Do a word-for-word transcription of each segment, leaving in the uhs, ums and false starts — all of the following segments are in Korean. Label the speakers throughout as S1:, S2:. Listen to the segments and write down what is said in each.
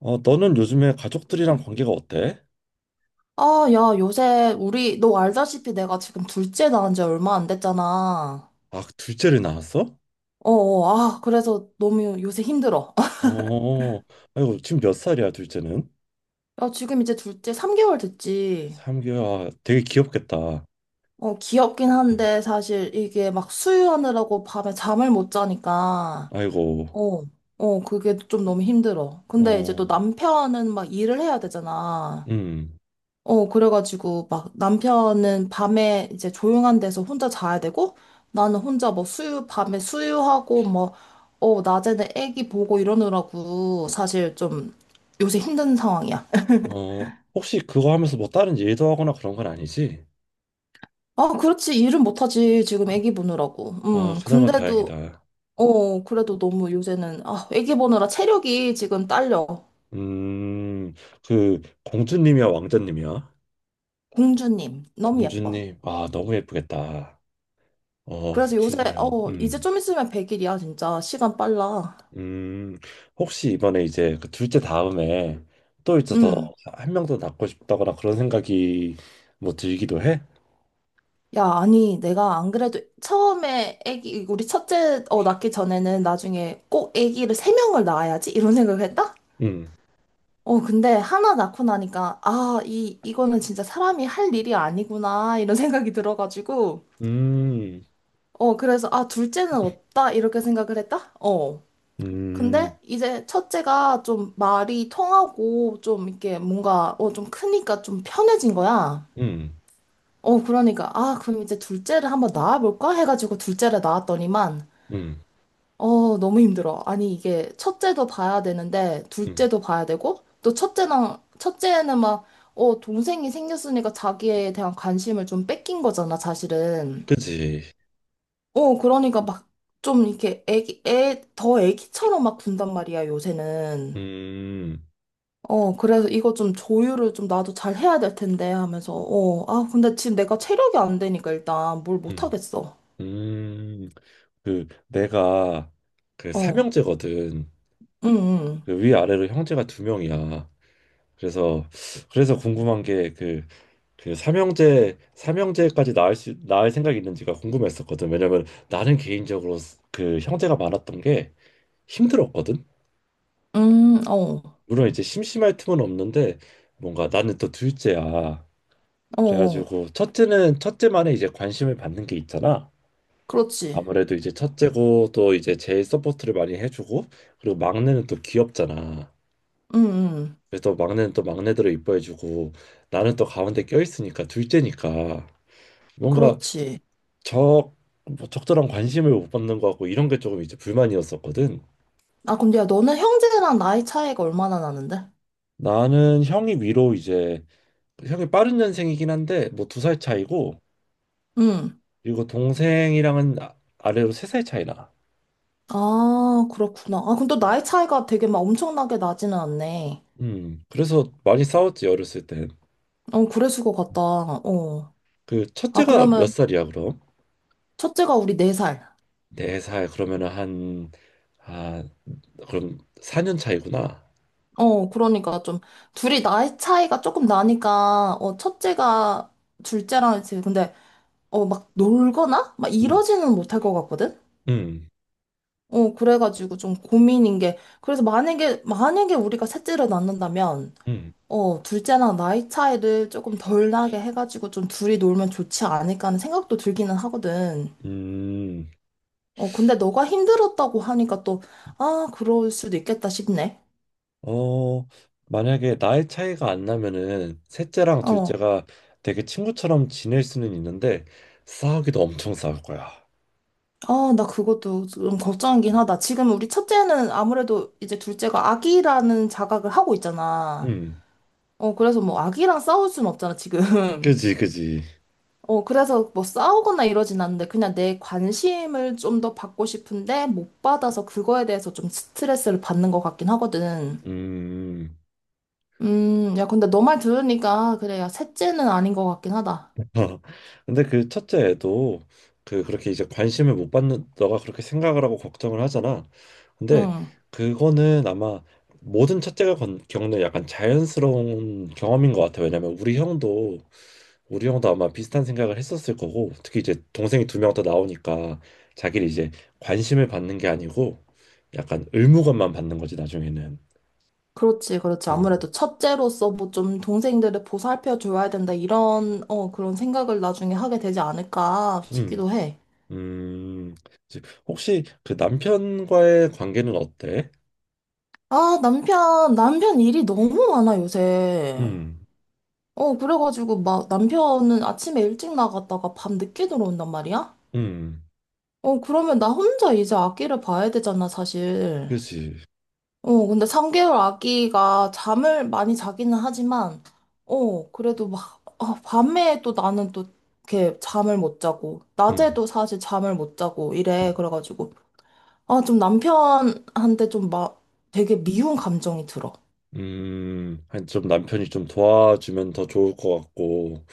S1: 어, 너는 요즘에 가족들이랑 관계가 어때?
S2: 아, 야, 요새 우리 너 알다시피 내가 지금 둘째 낳은 지 얼마 안 됐잖아.
S1: 아, 둘째를 낳았어?
S2: 어, 어, 아, 그래서 너무 요새 힘들어.
S1: 어, 아이고, 지금 몇 살이야, 둘째는?
S2: 야, 지금 이제 둘째 삼 개월 됐지.
S1: 삼 개월. 아, 되게 귀엽겠다.
S2: 어, 귀엽긴 한데 사실 이게 막 수유하느라고 밤에 잠을 못 자니까
S1: 아이고,
S2: 어, 어, 그게 좀 너무 힘들어. 근데 이제 또
S1: 어,
S2: 남편은 막 일을 해야 되잖아.
S1: 음,
S2: 어, 그래가지고 막 남편은 밤에 이제 조용한 데서 혼자 자야 되고 나는 혼자 뭐 수유, 밤에 수유하고 뭐, 어, 낮에는 애기 보고 이러느라고 사실 좀 요새 힘든 상황이야.
S1: 어, 혹시 그거 하면서 뭐 다른 일도 하거나 그런 건 아니지?
S2: 아, 그렇지. 일은 못하지. 지금 애기 보느라고.
S1: 어,
S2: 음,
S1: 그나마
S2: 근데도,
S1: 다행이다.
S2: 어, 그래도 너무 요새는, 아, 애기 보느라 체력이 지금 딸려.
S1: 음, 그, 공주님이야, 왕자님이야?
S2: 공주님, 너무 예뻐.
S1: 공주님, 아, 너무 예쁘겠다. 어, 그
S2: 그래서 요새,
S1: 두 명.
S2: 어, 이제
S1: 음.
S2: 좀 있으면 백 일이야, 진짜. 시간 빨라.
S1: 음, 혹시 이번에 이제 그 둘째 다음에 또 이제
S2: 음.
S1: 더한 명 더 낳고 싶다거나 그런 생각이 뭐 들기도 해?
S2: 야, 아니, 내가 안 그래도 처음에 애기, 우리 첫째 어, 낳기 전에는 나중에 꼭 애기를 세 명을 낳아야지? 이런 생각을 했다?
S1: 음.
S2: 어, 근데 하나 낳고 나니까, 아, 이, 이거는 진짜 사람이 할 일이 아니구나, 이런 생각이 들어가지고,
S1: 음.
S2: 어, 그래서, 아, 둘째는 없다, 이렇게 생각을 했다? 어.
S1: 음.
S2: 근데 이제 첫째가 좀 말이 통하고, 좀 이렇게 뭔가, 어, 좀 크니까 좀 편해진 거야.
S1: 음.
S2: 어, 그러니까, 아, 그럼 이제 둘째를 한번 낳아볼까? 해가지고 둘째를 낳았더니만,
S1: 음.
S2: 어, 너무 힘들어. 아니, 이게 첫째도 봐야 되는데,
S1: 음.
S2: 둘째도 봐야 되고, 또 첫째는, 첫째는 막, 어, 동생이 생겼으니까 자기에 대한 관심을 좀 뺏긴 거잖아, 사실은.
S1: 그지?
S2: 어, 그러니까 막, 좀 이렇게 애기, 애, 더 애기처럼 막 군단 말이야, 요새는.
S1: 음.
S2: 어, 그래서 이거 좀 조율을 좀 나도 잘 해야 될 텐데 하면서, 어, 아, 근데 지금 내가 체력이 안 되니까 일단 뭘 못
S1: 음.
S2: 하겠어.
S1: 음. 그 내가 그
S2: 어,
S1: 삼형제거든.
S2: 응, 응,
S1: 그 위아래로 형제가 두 명이야. 그래서 그래서 궁금한 게그 그 삼형제 삼형제까지 낳을 수 낳을 생각이 있는지가 궁금했었거든. 왜냐면 나는 개인적으로 스- 그 형제가 많았던 게 힘들었거든.
S2: 응, 어,
S1: 물론 이제 심심할 틈은 없는데 뭔가 나는 또 둘째야.
S2: 어, 어.
S1: 그래가지고 첫째는 첫째만의 이제 관심을 받는 게 있잖아.
S2: 그렇지.
S1: 아무래도 이제 첫째고 또 이제 제일 서포트를 많이 해주고, 그리고 막내는 또 귀엽잖아.
S2: 응, 응.
S1: 그래서 막내는 또 막내대로 이뻐해주고, 나는 또 가운데 껴있으니까 둘째니까 뭔가
S2: 그렇지.
S1: 적뭐 적절한 관심을 못 받는 것 같고, 이런 게 조금 이제 불만이었었거든.
S2: 아, 근데 야, 너는 형제랑 나이 차이가 얼마나 나는데?
S1: 나는 형이 위로 이제 형이 빠른 년생이긴 한데 뭐 두 살 차이고,
S2: 응.
S1: 그리고 동생이랑은 아- 아래로 세 살 차이 나.
S2: 아, 그렇구나. 아, 근데 또 나이 차이가 되게 막 엄청나게 나지는 않네.
S1: 음, 그래서 많이 싸웠지, 어렸을 땐.
S2: 어, 그랬을 것 같다. 어.
S1: 그
S2: 아,
S1: 첫째가 몇
S2: 그러면
S1: 살이야, 그럼?
S2: 첫째가 우리 네살
S1: 네 살? 그러면은 한, 아, 그럼 사 년 차이구나.
S2: 어, 그러니까 좀 둘이 나이 차이가 조금 나니까, 어, 첫째가 둘째랑 이제 근데, 어, 막 놀거나? 막
S1: 음.
S2: 이러지는 못할 것 같거든?
S1: 음.
S2: 어, 그래가지고 좀 고민인 게, 그래서 만약에, 만약에 우리가 셋째를 낳는다면,
S1: 음.
S2: 어, 둘째랑 나이 차이를 조금 덜 나게 해가지고 좀 둘이 놀면 좋지 않을까 하는 생각도 들기는 하거든.
S1: 음.
S2: 어, 근데 너가 힘들었다고 하니까 또, 아, 그럴 수도 있겠다 싶네.
S1: 어, 만약에 나이 차이가 안 나면은 셋째랑
S2: 어,
S1: 둘째가 되게 친구처럼 지낼 수는 있는데, 싸우기도 엄청 싸울 거야.
S2: 아, 나 그것도 좀 걱정이긴 하다. 지금 우리 첫째는 아무래도 이제 둘째가 아기라는 자각을 하고 있잖아.
S1: 음,
S2: 어, 그래서 뭐 아기랑 싸울 순 없잖아, 지금.
S1: 그지, 그지.
S2: 어, 그래서 뭐 싸우거나 이러진 않는데 그냥 내 관심을 좀 더 받고 싶은데 못 받아서 그거에 대해서 좀 스트레스를 받는 것 같긴 하거든.
S1: 음.
S2: 음, 야, 근데 너 말 들으니까 그래, 야, 셋째는 아닌 것 같긴 하다.
S1: 근데 그 첫째 애도 그 그렇게 이제 관심을 못 받는, 너가 그렇게 생각을 하고 걱정을 하잖아. 근데
S2: 응,
S1: 그거는 아마 모든 첫째가 건- 겪는 약간 자연스러운 경험인 것 같아. 왜냐면 우리 형도 우리 형도 아마 비슷한 생각을 했었을 거고, 특히 이제 동생이 두 명 더 나오니까 자기를 이제 관심을 받는 게 아니고 약간 의무감만 받는 거지, 나중에는.
S2: 그렇지, 그렇지.
S1: 음.
S2: 아무래도 첫째로서 뭐 좀 동생들을 보살펴 줘야 된다 이런, 어, 그런 생각을 나중에 하게 되지 않을까
S1: 음.
S2: 싶기도 해.
S1: 음. 이제, 혹시 그 남편과의 관계는 어때?
S2: 아, 남편, 남편 일이 너무 많아, 요새.
S1: 음.
S2: 어, 그래가지고 막 남편은 아침에 일찍 나갔다가 밤 늦게 들어온단 말이야?
S1: 음.
S2: 어, 그러면 나 혼자 이제 아기를 봐야 되잖아, 사실.
S1: 그치.
S2: 어, 근데 삼 개월 아기가 잠을 많이 자기는 하지만, 어, 그래도 막, 어, 밤에 또 나는 또 이렇게 잠을 못 자고,
S1: 음.
S2: 낮에도 사실 잠을 못 자고
S1: 음.
S2: 이래. 그래가지고, 아, 좀 남편한테 좀 막 되게 미운 감정이 들어.
S1: 음. 아니, 좀 남편이 좀 도와주면 더 좋을 것 같고.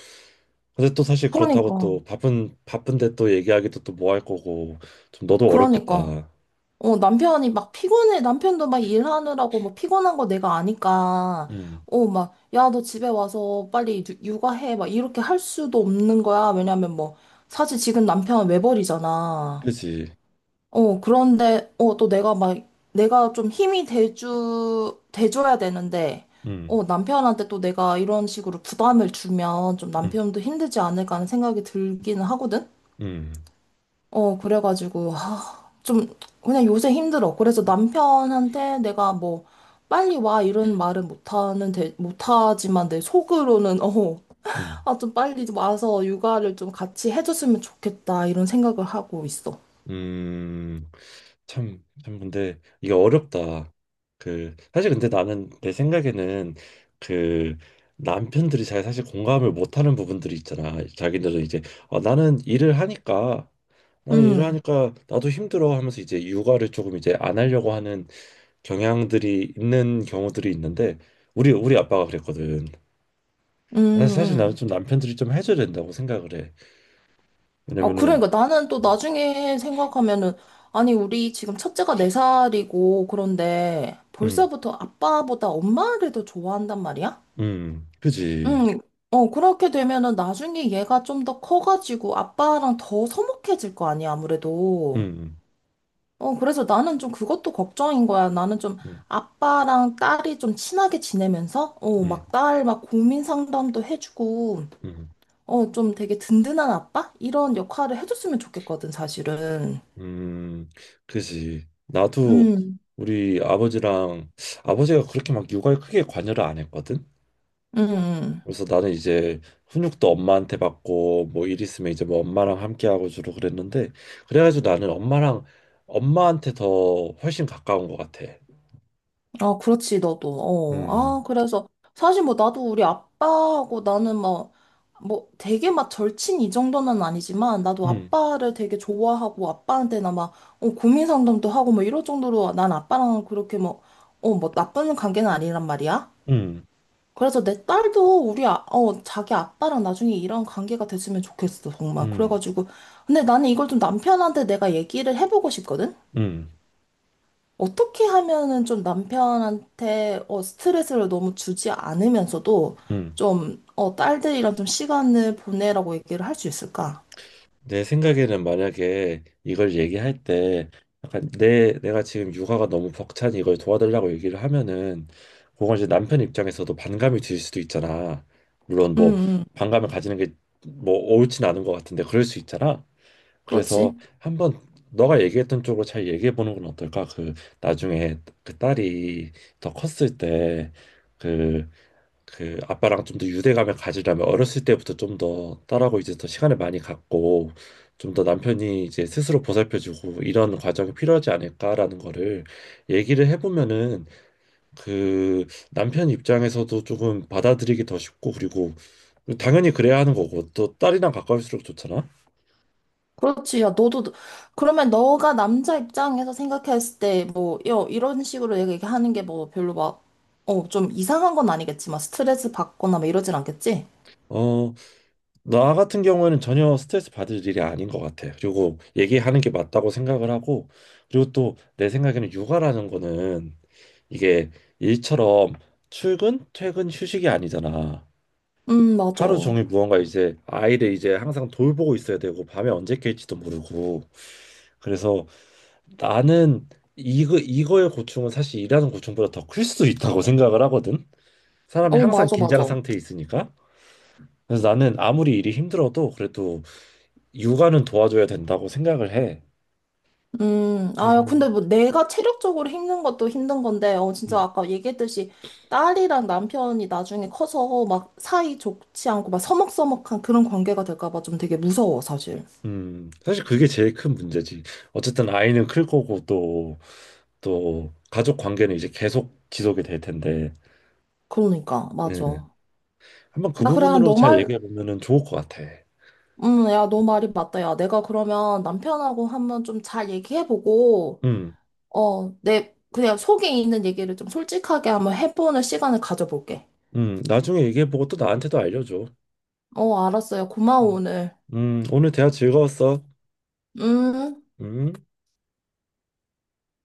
S1: 근데 또 사실 그렇다고
S2: 그러니까,
S1: 또 바쁜, 바쁜데 또 얘기하기도 또 뭐 할 거고. 좀 너도
S2: 그러니까.
S1: 어렵겠다.
S2: 어, 남편이 막 피곤해, 남편도 막 일하느라고 뭐 피곤한 거 내가 아니까,
S1: 음.
S2: 어, 막, 야, 너 집에 와서 빨리 유- 육아해. 막 이렇게 할 수도 없는 거야. 왜냐면 뭐, 사실 지금 남편은 외벌이잖아.
S1: 그지.
S2: 어, 그런데, 어, 또 내가 막, 내가 좀 힘이 돼주, 돼줘야 되는데,
S1: 음.
S2: 어, 남편한테 또 내가 이런 식으로 부담을 주면 좀
S1: 음.
S2: 남편도 힘들지 않을까 하는 생각이 들기는 하거든?
S1: 음.
S2: 어, 그래가지고, 아, 좀, 그냥 요새 힘들어. 그래서 남편한테 내가 뭐, 빨리 와, 이런 말은 못하는, 데, 못하지만 내 속으로는, 어,
S1: 음.
S2: 아, 좀 빨리 좀 와서 육아를 좀 같이 해줬으면 좋겠다, 이런 생각을 하고 있어.
S1: 음. 참, 참, 근데 이게 어렵다. 그, 사실 근데 나는 내 생각에는 그 남편들이 잘 사실 공감을 못하는 부분들이 있잖아. 자기들은 이제 어, 나는 일을 하니까 나는 일을
S2: 음,
S1: 하니까 나도 힘들어 하면서 이제 육아를 조금 이제 안 하려고 하는 경향들이 있는 경우들이 있는데, 우리 우리 아빠가 그랬거든.
S2: 음,
S1: 사실 나는
S2: 음.
S1: 좀 남편들이 좀 해줘야 된다고 생각을 해.
S2: 아,
S1: 왜냐면은,
S2: 그러니까 나는 또 나중에 생각하면은, 아니, 우리 지금 첫째가 네살이고 그런데
S1: 음,
S2: 벌써부터 아빠보다 엄마를 더 좋아한단 말이야?
S1: 음, 그지.
S2: 응, 어, 그렇게 되면은 나중에 얘가 좀 더 커가지고 아빠랑 더 서먹해질 거 아니야, 아무래도.
S1: 음.
S2: 어, 그래서 나는 좀 그것도 걱정인 거야. 나는 좀
S1: 음.
S2: 아빠랑 딸이 좀 친하게 지내면서, 어,
S1: 음.
S2: 막 딸 막 고민 상담도 해주고,
S1: 음.
S2: 어, 좀 되게 든든한 아빠? 이런 역할을 해줬으면 좋겠거든, 사실은.
S1: 음. 그지. 나도
S2: 응,
S1: 우리 아버지랑, 아버지가 그렇게 막 육아에 크게 관여를 안 했거든.
S2: 응, 응.
S1: 그래서 나는 이제 훈육도 엄마한테 받고, 뭐 일 있으면 이제 뭐 엄마랑 함께 하고 주로 그랬는데, 그래가지고 나는 엄마랑 엄마한테 더 훨씬 가까운 것 같아.
S2: 아, 그렇지, 너도. 어.
S1: 음.
S2: 아, 그래서 사실 뭐 나도 우리 아빠하고 나는 뭐, 뭐, 되게 막 절친 이 정도는 아니지만 나도
S1: 음.
S2: 아빠를 되게 좋아하고 아빠한테나 막 어, 고민 상담도 하고 뭐 이럴 정도로 난 아빠랑 그렇게 뭐, 어, 뭐 나쁜 관계는 아니란 말이야.
S1: 음.
S2: 그래서 내 딸도 우리 아, 어, 자기 아빠랑 나중에 이런 관계가 됐으면 좋겠어, 정말.
S1: 음.
S2: 그래가지고. 근데 나는 이걸 좀 남편한테 내가 얘기를 해보고 싶거든?
S1: 음.
S2: 어떻게 하면은 좀 남편한테 어, 스트레스를 너무 주지 않으면서도
S1: 음.
S2: 좀 어, 딸들이랑 좀 시간을 보내라고 얘기를 할 수 있을까?
S1: 내 생각에는 만약에 이걸 얘기할 때 약간 내 내가 지금 육아가 너무 벅차니 이걸 도와달라고 얘기를 하면은 그건 이제 남편 입장에서도 반감이 들 수도 있잖아. 물론
S2: 음,
S1: 뭐
S2: 음,
S1: 반감을 가지는 게 뭐 옳진 않은 것 같은데 그럴 수 있잖아. 그래서
S2: 그렇지.
S1: 한번 너가 얘기했던 쪽으로 잘 얘기해 보는 건 어떨까? 그 나중에 그 딸이 더 컸을 때그 그 아빠랑 좀 더 유대감을 가지려면 어렸을 때부터 좀 더 딸하고 이제 더 시간을 많이 갖고, 좀 더 남편이 이제 스스로 보살펴주고 이런 과정이 필요하지 않을까라는 거를 얘기를 해보면은 그 남편 입장에서도 조금 받아들이기 더 쉽고, 그리고 당연히 그래야 하는 거고 또 딸이랑 가까울수록 좋잖아.
S2: 그렇지. 야, 너도, 그러면 너가 남자 입장에서 생각했을 때, 뭐, 여, 이런 식으로 얘기하는 게 뭐 별로 막, 어, 좀 이상한 건 아니겠지만, 스트레스 받거나 막 이러진 않겠지?
S1: 어, 나 같은 경우에는 전혀 스트레스 받을 일이 아닌 것 같아. 그리고 얘기하는 게 맞다고 생각을 하고, 그리고 또 내 생각에는 육아라는 거는 이게 일처럼 출근, 퇴근, 휴식이 아니잖아.
S2: 음, 맞아.
S1: 하루
S2: 어,
S1: 종일 무언가 이제 아이를 이제 항상 돌보고 있어야 되고, 밤에 언제 깰지도 모르고. 그래서 나는 이거 이거의 고충은 사실 일하는 고충보다 더 클 수도 있다고 생각을 하거든. 사람이 항상
S2: 맞아,
S1: 긴장
S2: 맞아.
S1: 상태에 있으니까. 그래서 나는 아무리 일이 힘들어도 그래도 육아는 도와줘야 된다고 생각을 해.
S2: 음,
S1: 그래서,
S2: 아, 근데 뭐 내가 체력적으로 힘든 것도 힘든 건데, 어, 진짜
S1: 음,
S2: 아까 얘기했듯이 딸이랑 남편이 나중에 커서 막 사이 좋지 않고 막 서먹서먹한 그런 관계가 될까 봐 좀 되게 무서워, 사실.
S1: 음, 사실 그게 제일 큰 문제지. 어쨌든 아이는 클 거고, 또 또 가족 관계는 이제 계속 지속이 될 텐데,
S2: 그러니까,
S1: 예.
S2: 맞아.
S1: 한번 그
S2: 아 그래,
S1: 부분으로
S2: 너
S1: 잘
S2: 말,
S1: 얘기해 보면은 좋을 것 같아.
S2: 음, 야, 너 말이 맞다. 야, 내가 그러면 남편하고 한번 좀 잘 얘기해보고,
S1: 음,
S2: 어, 내, 그냥 속에 있는 얘기를 좀 솔직하게 한번 해보는 시간을 가져볼게.
S1: 음, 나중에 얘기해 보고 또 나한테도 알려줘.
S2: 어, 알았어요. 고마워, 오늘.
S1: 음, 오늘 대화 즐거웠어.
S2: 음.
S1: 음.